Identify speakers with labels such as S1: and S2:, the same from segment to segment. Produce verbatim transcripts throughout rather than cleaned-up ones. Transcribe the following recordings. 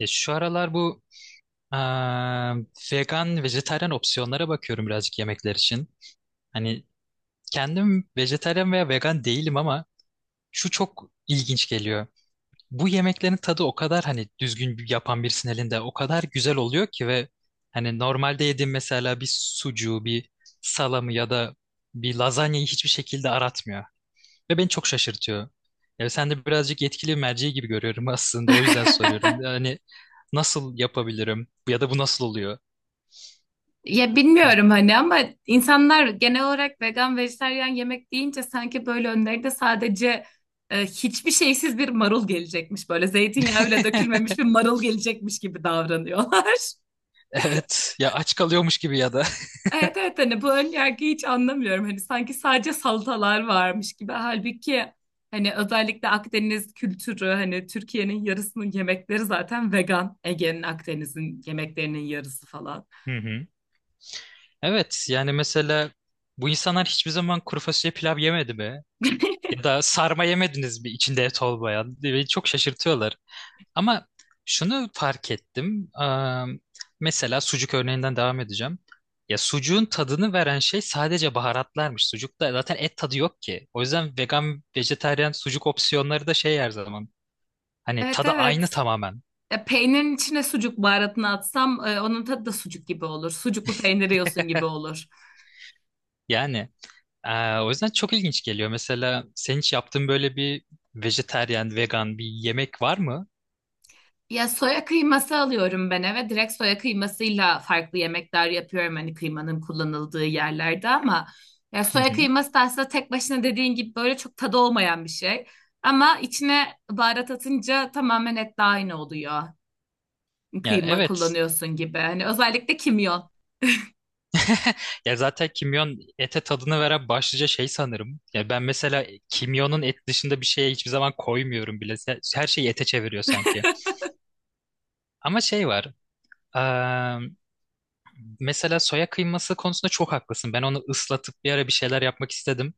S1: Ya şu aralar bu eee, vegan, vejetaryen opsiyonlara bakıyorum birazcık yemekler için. Hani kendim vejetaryen veya vegan değilim ama şu çok ilginç geliyor. Bu yemeklerin tadı o kadar hani düzgün bir- yapan birisinin elinde o kadar güzel oluyor ki, ve hani normalde yediğim mesela bir sucuğu, bir salamı ya da bir lazanyayı hiçbir şekilde aratmıyor. Ve beni çok şaşırtıyor. Ya sen de birazcık yetkili merci gibi görüyorum aslında. O yüzden soruyorum. Yani nasıl yapabilirim? Ya da bu nasıl oluyor?
S2: Ya bilmiyorum hani ama insanlar genel olarak vegan, vejetaryen yemek deyince sanki böyle önlerinde sadece e, hiçbir şeysiz bir marul gelecekmiş. Böyle zeytinyağı bile dökülmemiş bir marul gelecekmiş gibi davranıyorlar.
S1: Evet. Ya aç kalıyormuş gibi ya da.
S2: Evet evet, hani bu ön yargıyı hiç anlamıyorum. Hani sanki sadece salatalar varmış gibi. Halbuki hani özellikle Akdeniz kültürü, hani Türkiye'nin yarısının yemekleri zaten vegan. Ege'nin, Akdeniz'in yemeklerinin yarısı falan.
S1: Hı hı. Evet. Yani mesela bu insanlar hiçbir zaman kuru fasulye pilav yemedi mi? Ya da sarma yemediniz mi içinde et olmayan? Beni çok şaşırtıyorlar. Ama şunu fark ettim. Eee, mesela sucuk örneğinden devam edeceğim. Ya sucuğun tadını veren şey sadece baharatlarmış. Sucukta zaten et tadı yok ki. O yüzden vegan, vejetaryen sucuk opsiyonları da şey her zaman. Hani
S2: Evet
S1: tadı aynı
S2: evet.
S1: tamamen.
S2: E, peynirin içine sucuk baharatını atsam, e, onun tadı da sucuk gibi olur. Sucuklu peynir yiyorsun gibi olur.
S1: Yani eee, o yüzden çok ilginç geliyor. Mesela senin hiç yaptığın böyle bir vejetaryen, vegan bir yemek var mı?
S2: Ya soya kıyması alıyorum ben eve. Direkt soya kıymasıyla farklı yemekler yapıyorum hani kıymanın kullanıldığı yerlerde ama ya
S1: Hı
S2: soya
S1: hı.
S2: kıyması da aslında tek başına dediğin gibi böyle çok tadı olmayan bir şey. Ama içine baharat atınca tamamen et etle aynı oluyor.
S1: Ya
S2: Kıyma
S1: evet.
S2: kullanıyorsun gibi. Hani özellikle kimyon.
S1: Ya zaten kimyon ete tadını veren başlıca şey sanırım. Ya ben mesela kimyonun et dışında bir şeye hiçbir zaman koymuyorum bile. Se- Her şeyi ete çeviriyor sanki. Ama şey var. eee, Mesela soya kıyması konusunda çok haklısın. Ben onu ıslatıp bir ara bir şeyler yapmak istedim.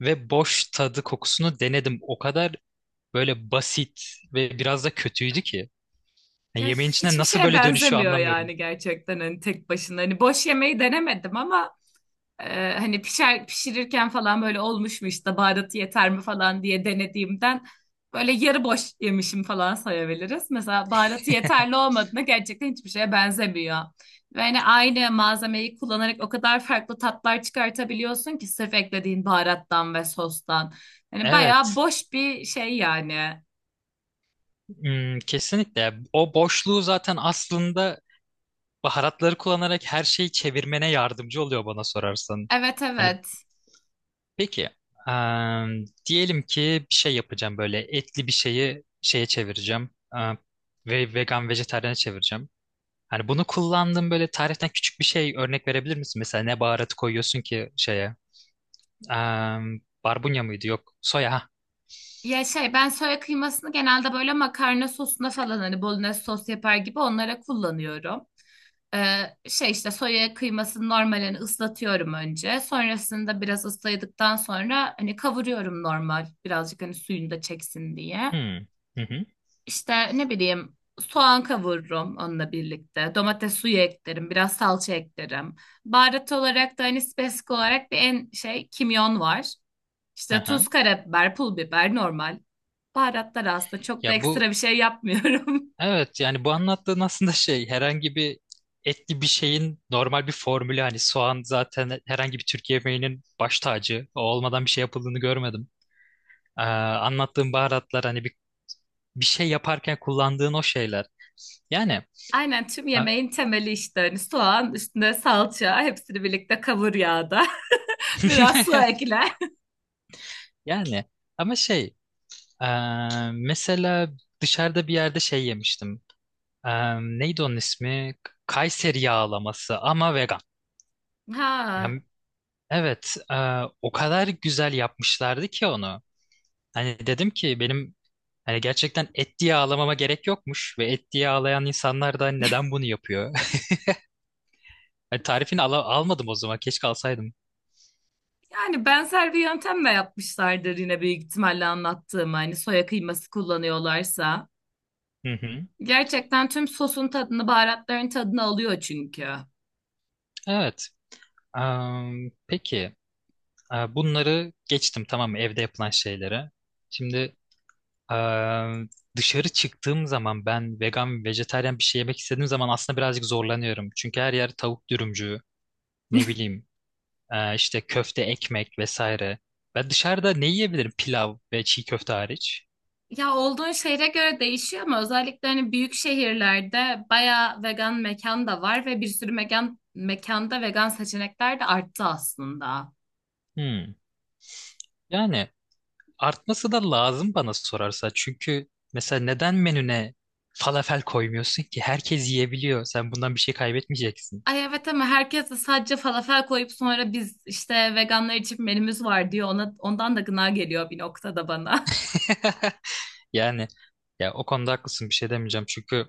S1: Ve boş tadı kokusunu denedim. O kadar böyle basit ve biraz da kötüydü ki. Ya
S2: Ya
S1: yemeğin içine
S2: hiçbir
S1: nasıl
S2: şeye
S1: böyle dönüşüyor
S2: benzemiyor
S1: anlamıyorum.
S2: yani, gerçekten hani tek başına. Hani boş yemeği denemedim ama Ee, hani pişer, pişirirken falan böyle olmuş mu işte baharatı yeter mi falan diye denediğimden böyle yarı boş yemişim falan sayabiliriz. Mesela baharatı yeterli olmadığında gerçekten hiçbir şeye benzemiyor. Ve hani aynı malzemeyi kullanarak o kadar farklı tatlar çıkartabiliyorsun ki sırf eklediğin baharattan ve sostan. Hani bayağı
S1: Evet,
S2: boş bir şey yani.
S1: hmm, kesinlikle. O boşluğu zaten aslında baharatları kullanarak her şeyi çevirmene yardımcı oluyor bana sorarsan.
S2: Evet
S1: Hani
S2: evet.
S1: peki em, diyelim ki bir şey yapacağım, böyle etli bir şeyi şeye çevireceğim, em, ve vegan vejetaryene çevireceğim. Hani bunu kullandığım böyle tariften küçük bir şey örnek verebilir misin? Mesela ne baharatı koyuyorsun ki şeye? Em, barbunya mıydı? Yok. Soya. Ha.
S2: Ya şey, ben soya kıymasını genelde böyle makarna sosuna falan hani bolognese sos yapar gibi onlara kullanıyorum. Ee, Şey, işte soya kıymasını normalini ıslatıyorum önce. Sonrasında biraz ısladıktan sonra hani kavuruyorum normal, birazcık hani suyunu da çeksin diye.
S1: Hmm. Hı hı.
S2: İşte ne bileyim soğan kavururum onunla birlikte. Domates suyu eklerim, biraz salça eklerim. Baharat olarak da hani spesifik olarak bir en şey, kimyon var. İşte
S1: Aha.
S2: tuz, karabiber, pul biber normal. Baharatlar aslında çok da
S1: Ya
S2: ekstra
S1: bu
S2: bir şey yapmıyorum.
S1: Evet, yani bu anlattığın aslında şey herhangi bir etli bir şeyin normal bir formülü, hani soğan zaten herhangi bir Türk yemeğinin baş tacı, o olmadan bir şey yapıldığını görmedim. Ee, anlattığın baharatlar hani bir, bir şey yaparken kullandığın o şeyler. Yani
S2: Aynen, tüm
S1: a-
S2: yemeğin temeli işte hani soğan, üstüne salça, hepsini birlikte kavur yağda. Biraz su ekle.
S1: yani ama şey, e, mesela dışarıda bir yerde şey yemiştim. E, neydi onun ismi? Kayseri yağlaması ama vegan.
S2: Ha,
S1: Yani evet, e, o kadar güzel yapmışlardı ki onu. Hani dedim ki benim hani gerçekten et diye ağlamama gerek yokmuş, ve et diye ağlayan insanlar da hani neden bunu yapıyor? Hani tarifini ala- almadım o zaman. Keşke alsaydım.
S2: yani benzer bir yöntemle yapmışlardır yine büyük ihtimalle anlattığım hani, soya kıyması kullanıyorlarsa.
S1: Hı hı.
S2: Gerçekten tüm sosun tadını, baharatların tadını alıyor çünkü.
S1: Evet. Am, peki. Aa, bunları geçtim tamam mı? Evde yapılan şeylere. Şimdi aa, dışarı çıktığım zaman ben vegan, vejetaryen bir şey yemek istediğim zaman aslında birazcık zorlanıyorum. Çünkü her yer tavuk dürümcü, ne bileyim, aa, işte köfte, ekmek vesaire. Ben dışarıda ne yiyebilirim pilav ve çiğ köfte hariç?
S2: Ya olduğun şehre göre değişiyor ama özellikle hani büyük şehirlerde bayağı vegan mekan da var ve bir sürü mekan mekanda vegan seçenekler de arttı aslında.
S1: Hmm. Yani artması da lazım bana sorarsa. Çünkü mesela neden menüne falafel koymuyorsun ki? Herkes yiyebiliyor. Sen bundan bir şey kaybetmeyeceksin.
S2: Ay evet, ama herkes de sadece falafel koyup sonra biz işte veganlar için menümüz var diyor. Ona, ondan da gına geliyor bir noktada bana.
S1: Yani ya o konuda haklısın, bir şey demeyeceğim. Çünkü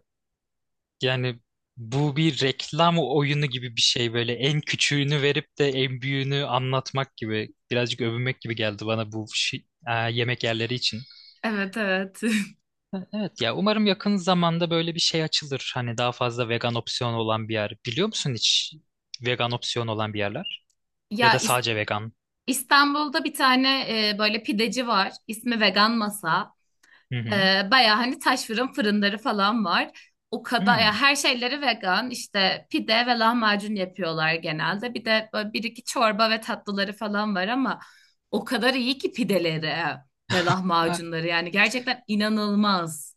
S1: yani bu bir reklam oyunu gibi bir şey, böyle en küçüğünü verip de en büyüğünü anlatmak gibi, birazcık övünmek gibi geldi bana bu şey- e, yemek yerleri için.
S2: Evet evet.
S1: Evet ya umarım yakın zamanda böyle bir şey açılır. Hani daha fazla vegan opsiyon olan bir yer. Biliyor musun hiç vegan opsiyon olan bir yerler? Ya
S2: Ya
S1: da
S2: İs-
S1: sadece vegan.
S2: İstanbul'da bir tane e, böyle pideci var. İsmi Vegan Masa.
S1: Hı hı.
S2: Ee, baya hani taş fırın fırınları falan var. O kadar, ya
S1: Hmm.
S2: her şeyleri vegan, işte pide ve lahmacun yapıyorlar genelde. Bir de böyle bir iki çorba ve tatlıları falan var ama o kadar iyi ki pideleri ve
S1: Ha.
S2: lahmacunları yani, gerçekten inanılmaz.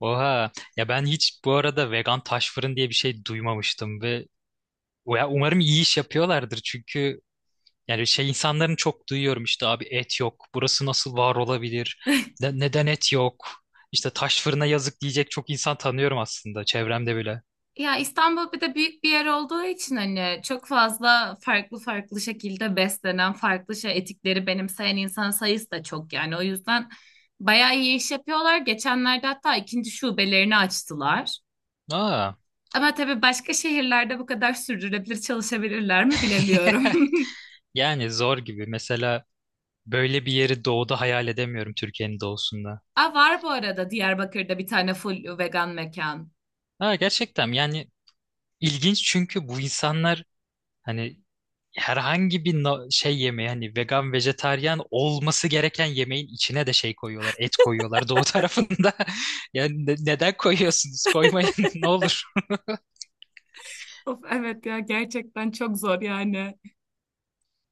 S1: Oha. Ya ben hiç bu arada vegan taş fırın diye bir şey duymamıştım, ve ya umarım iyi iş yapıyorlardır, çünkü yani şey insanların çok duyuyorum, işte abi et yok. Burası nasıl var olabilir? Ne- neden et yok? İşte taş fırına yazık diyecek çok insan tanıyorum aslında çevremde bile.
S2: Ya İstanbul bir de büyük bir yer olduğu için hani çok fazla farklı farklı şekilde beslenen, farklı şey, etikleri benimseyen insan sayısı da çok yani. O yüzden bayağı iyi iş yapıyorlar. Geçenlerde hatta ikinci şubelerini açtılar.
S1: Aa.
S2: Ama tabii başka şehirlerde bu kadar sürdürülebilir çalışabilirler mi bilemiyorum.
S1: Yani zor gibi. Mesela böyle bir yeri doğuda hayal edemiyorum, Türkiye'nin doğusunda.
S2: Aa, var bu arada Diyarbakır'da bir tane full vegan mekan.
S1: Ha, gerçekten yani ilginç, çünkü bu insanlar hani herhangi bir na- şey yemeği, hani vegan vejetaryen olması gereken yemeğin içine de şey koyuyorlar, et koyuyorlar doğu tarafında. Yani ne- neden koyuyorsunuz? Koymayın ne olur.
S2: Of evet ya, gerçekten çok zor yani.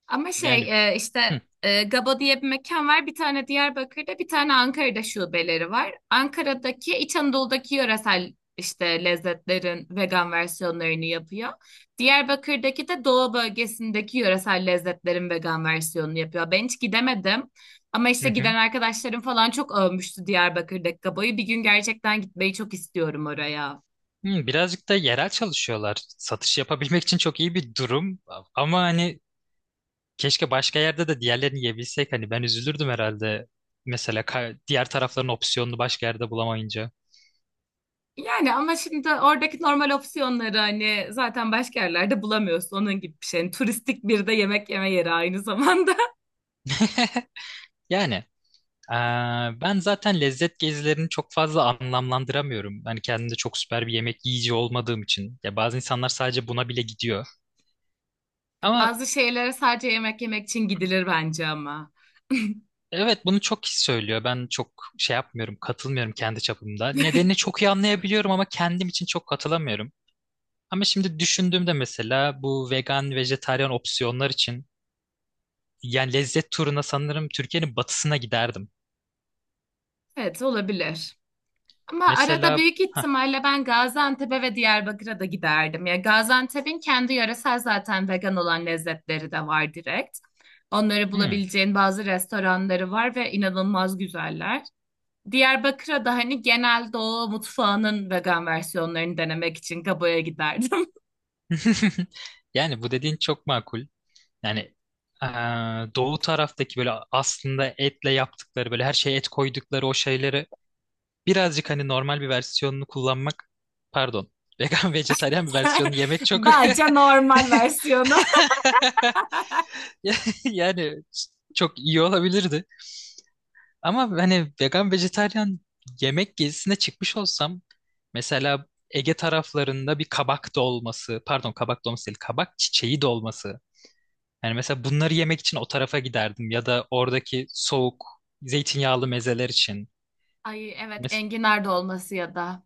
S2: Ama
S1: Yani
S2: şey, e, işte
S1: hı,
S2: e, Gabo diye bir mekan var. Bir tane Diyarbakır'da, bir tane Ankara'da şubeleri var. Ankara'daki, İç Anadolu'daki yöresel işte lezzetlerin vegan versiyonlarını yapıyor. Diyarbakır'daki de Doğu bölgesindeki yöresel lezzetlerin vegan versiyonunu yapıyor. Ben hiç gidemedim. Ama
S1: hı
S2: işte giden
S1: hı.
S2: arkadaşlarım falan çok övmüştü Diyarbakır'daki Gabo'yu. Bir gün gerçekten gitmeyi çok istiyorum oraya.
S1: Hı, birazcık da yerel çalışıyorlar. Satış yapabilmek için çok iyi bir durum, ama hani keşke başka yerde de diğerlerini yiyebilsek. Hani ben üzülürdüm herhalde. Mesela ka- diğer tarafların opsiyonunu başka yerde bulamayınca.
S2: Yani ama şimdi oradaki normal opsiyonları hani zaten başka yerlerde bulamıyorsun, onun gibi bir şey. Yani turistik bir de yemek yeme yeri aynı zamanda.
S1: Yani eee, ben zaten lezzet gezilerini çok fazla anlamlandıramıyorum. Hani kendimde çok süper bir yemek yiyici olmadığım için. Ya bazı insanlar sadece buna bile gidiyor. Ama
S2: Bazı şeylere sadece yemek yemek için gidilir bence ama.
S1: evet, bunu çok kişi söylüyor. Ben çok şey yapmıyorum, katılmıyorum kendi çapımda. Nedenini çok iyi anlayabiliyorum ama kendim için çok katılamıyorum. Ama şimdi düşündüğümde mesela bu vegan, vejetaryen opsiyonlar için yani lezzet turuna sanırım Türkiye'nin batısına giderdim.
S2: Evet, olabilir. Ama arada
S1: Mesela
S2: büyük
S1: ha,
S2: ihtimalle ben Gaziantep'e ve Diyarbakır'a da giderdim. Ya Gaziantep'in kendi yöresel zaten vegan olan lezzetleri de var direkt. Onları
S1: hmm.
S2: bulabileceğin bazı restoranları var ve inanılmaz güzeller. Diyarbakır'a da hani genel doğu mutfağının vegan versiyonlarını denemek için Gabo'ya giderdim.
S1: Yani bu dediğin çok makul. Yani eee, doğu taraftaki böyle aslında etle yaptıkları, böyle her şeye et koydukları o şeyleri birazcık hani normal bir versiyonunu kullanmak, pardon, vegan vejetaryen bir versiyonunu yemek çok
S2: Bence normal versiyonu.
S1: yani çok iyi olabilirdi. Ama hani vegan vejetaryen yemek gezisine çıkmış olsam mesela Ege taraflarında bir kabak dolması, pardon kabak dolması değil, kabak çiçeği dolması. Yani mesela bunları yemek için o tarafa giderdim, ya da oradaki soğuk zeytinyağlı mezeler için.
S2: Ay evet,
S1: Mes-
S2: enginar dolması ya da.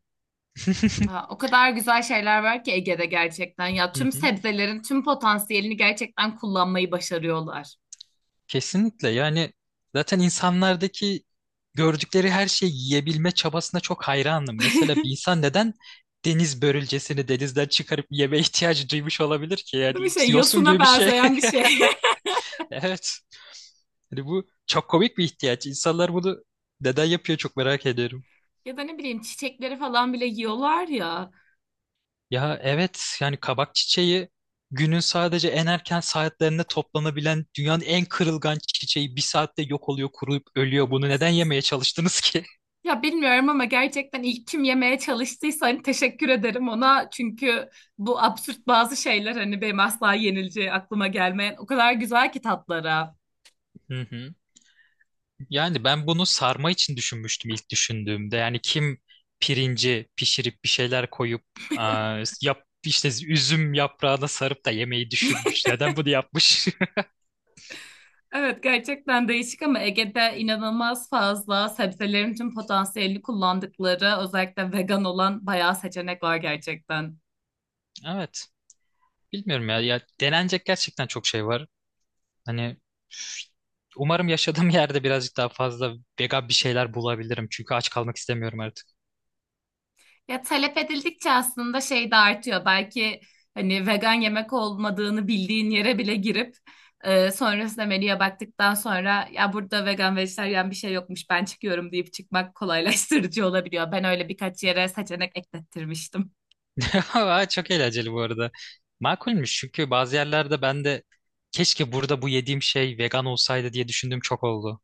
S2: Ha, o kadar güzel şeyler var ki Ege'de gerçekten. Ya tüm sebzelerin tüm potansiyelini gerçekten kullanmayı başarıyorlar.
S1: Kesinlikle, yani zaten insanlardaki gördükleri her şeyi yiyebilme çabasına çok hayranım. Mesela bir insan neden deniz börülcesini denizden çıkarıp yeme ihtiyacı duymuş olabilir ki?
S2: Değil mi,
S1: Yani
S2: şey
S1: yosun
S2: yosuna
S1: gibi bir şey.
S2: benzeyen bir şey.
S1: Evet. Hani bu çok komik bir ihtiyaç. İnsanlar bunu neden yapıyor çok merak ediyorum.
S2: Ya da ne bileyim çiçekleri falan bile yiyorlar ya.
S1: Ya evet, yani kabak çiçeği günün sadece en erken saatlerinde toplanabilen dünyanın en kırılgan çiçeği, bir saatte yok oluyor, kuruyup ölüyor. Bunu neden yemeye çalıştınız ki?
S2: Ya bilmiyorum ama gerçekten ilk kim yemeye çalıştıysa hani, teşekkür ederim ona. Çünkü bu absürt bazı şeyler hani benim asla yenileceği aklıma gelmeyen o kadar güzel ki tatlara.
S1: Hı hı. Yani ben bunu sarma için düşünmüştüm ilk düşündüğümde. Yani kim pirinci pişirip bir şeyler koyup, aa, yap işte üzüm yaprağına sarıp da yemeği düşünmüş. Neden bunu yapmış?
S2: Evet, gerçekten değişik ama Ege'de inanılmaz fazla sebzelerin tüm potansiyelini kullandıkları, özellikle vegan olan bayağı seçenek var gerçekten.
S1: Evet. Bilmiyorum ya. Ya denenecek gerçekten çok şey var. Hani umarım yaşadığım yerde birazcık daha fazla vegan bir şeyler bulabilirim. Çünkü aç kalmak istemiyorum artık.
S2: Ya talep edildikçe aslında şey de artıyor. Belki hani vegan yemek olmadığını bildiğin yere bile girip e, sonrasında menüye baktıktan sonra ya burada vegan vejetaryen bir şey yokmuş, ben çıkıyorum deyip çıkmak kolaylaştırıcı olabiliyor. Ben öyle birkaç yere seçenek eklettirmiştim.
S1: Aa, çok eğlenceli bu arada. Makulmüş, çünkü bazı yerlerde ben de keşke burada bu yediğim şey vegan olsaydı diye düşündüğüm çok oldu.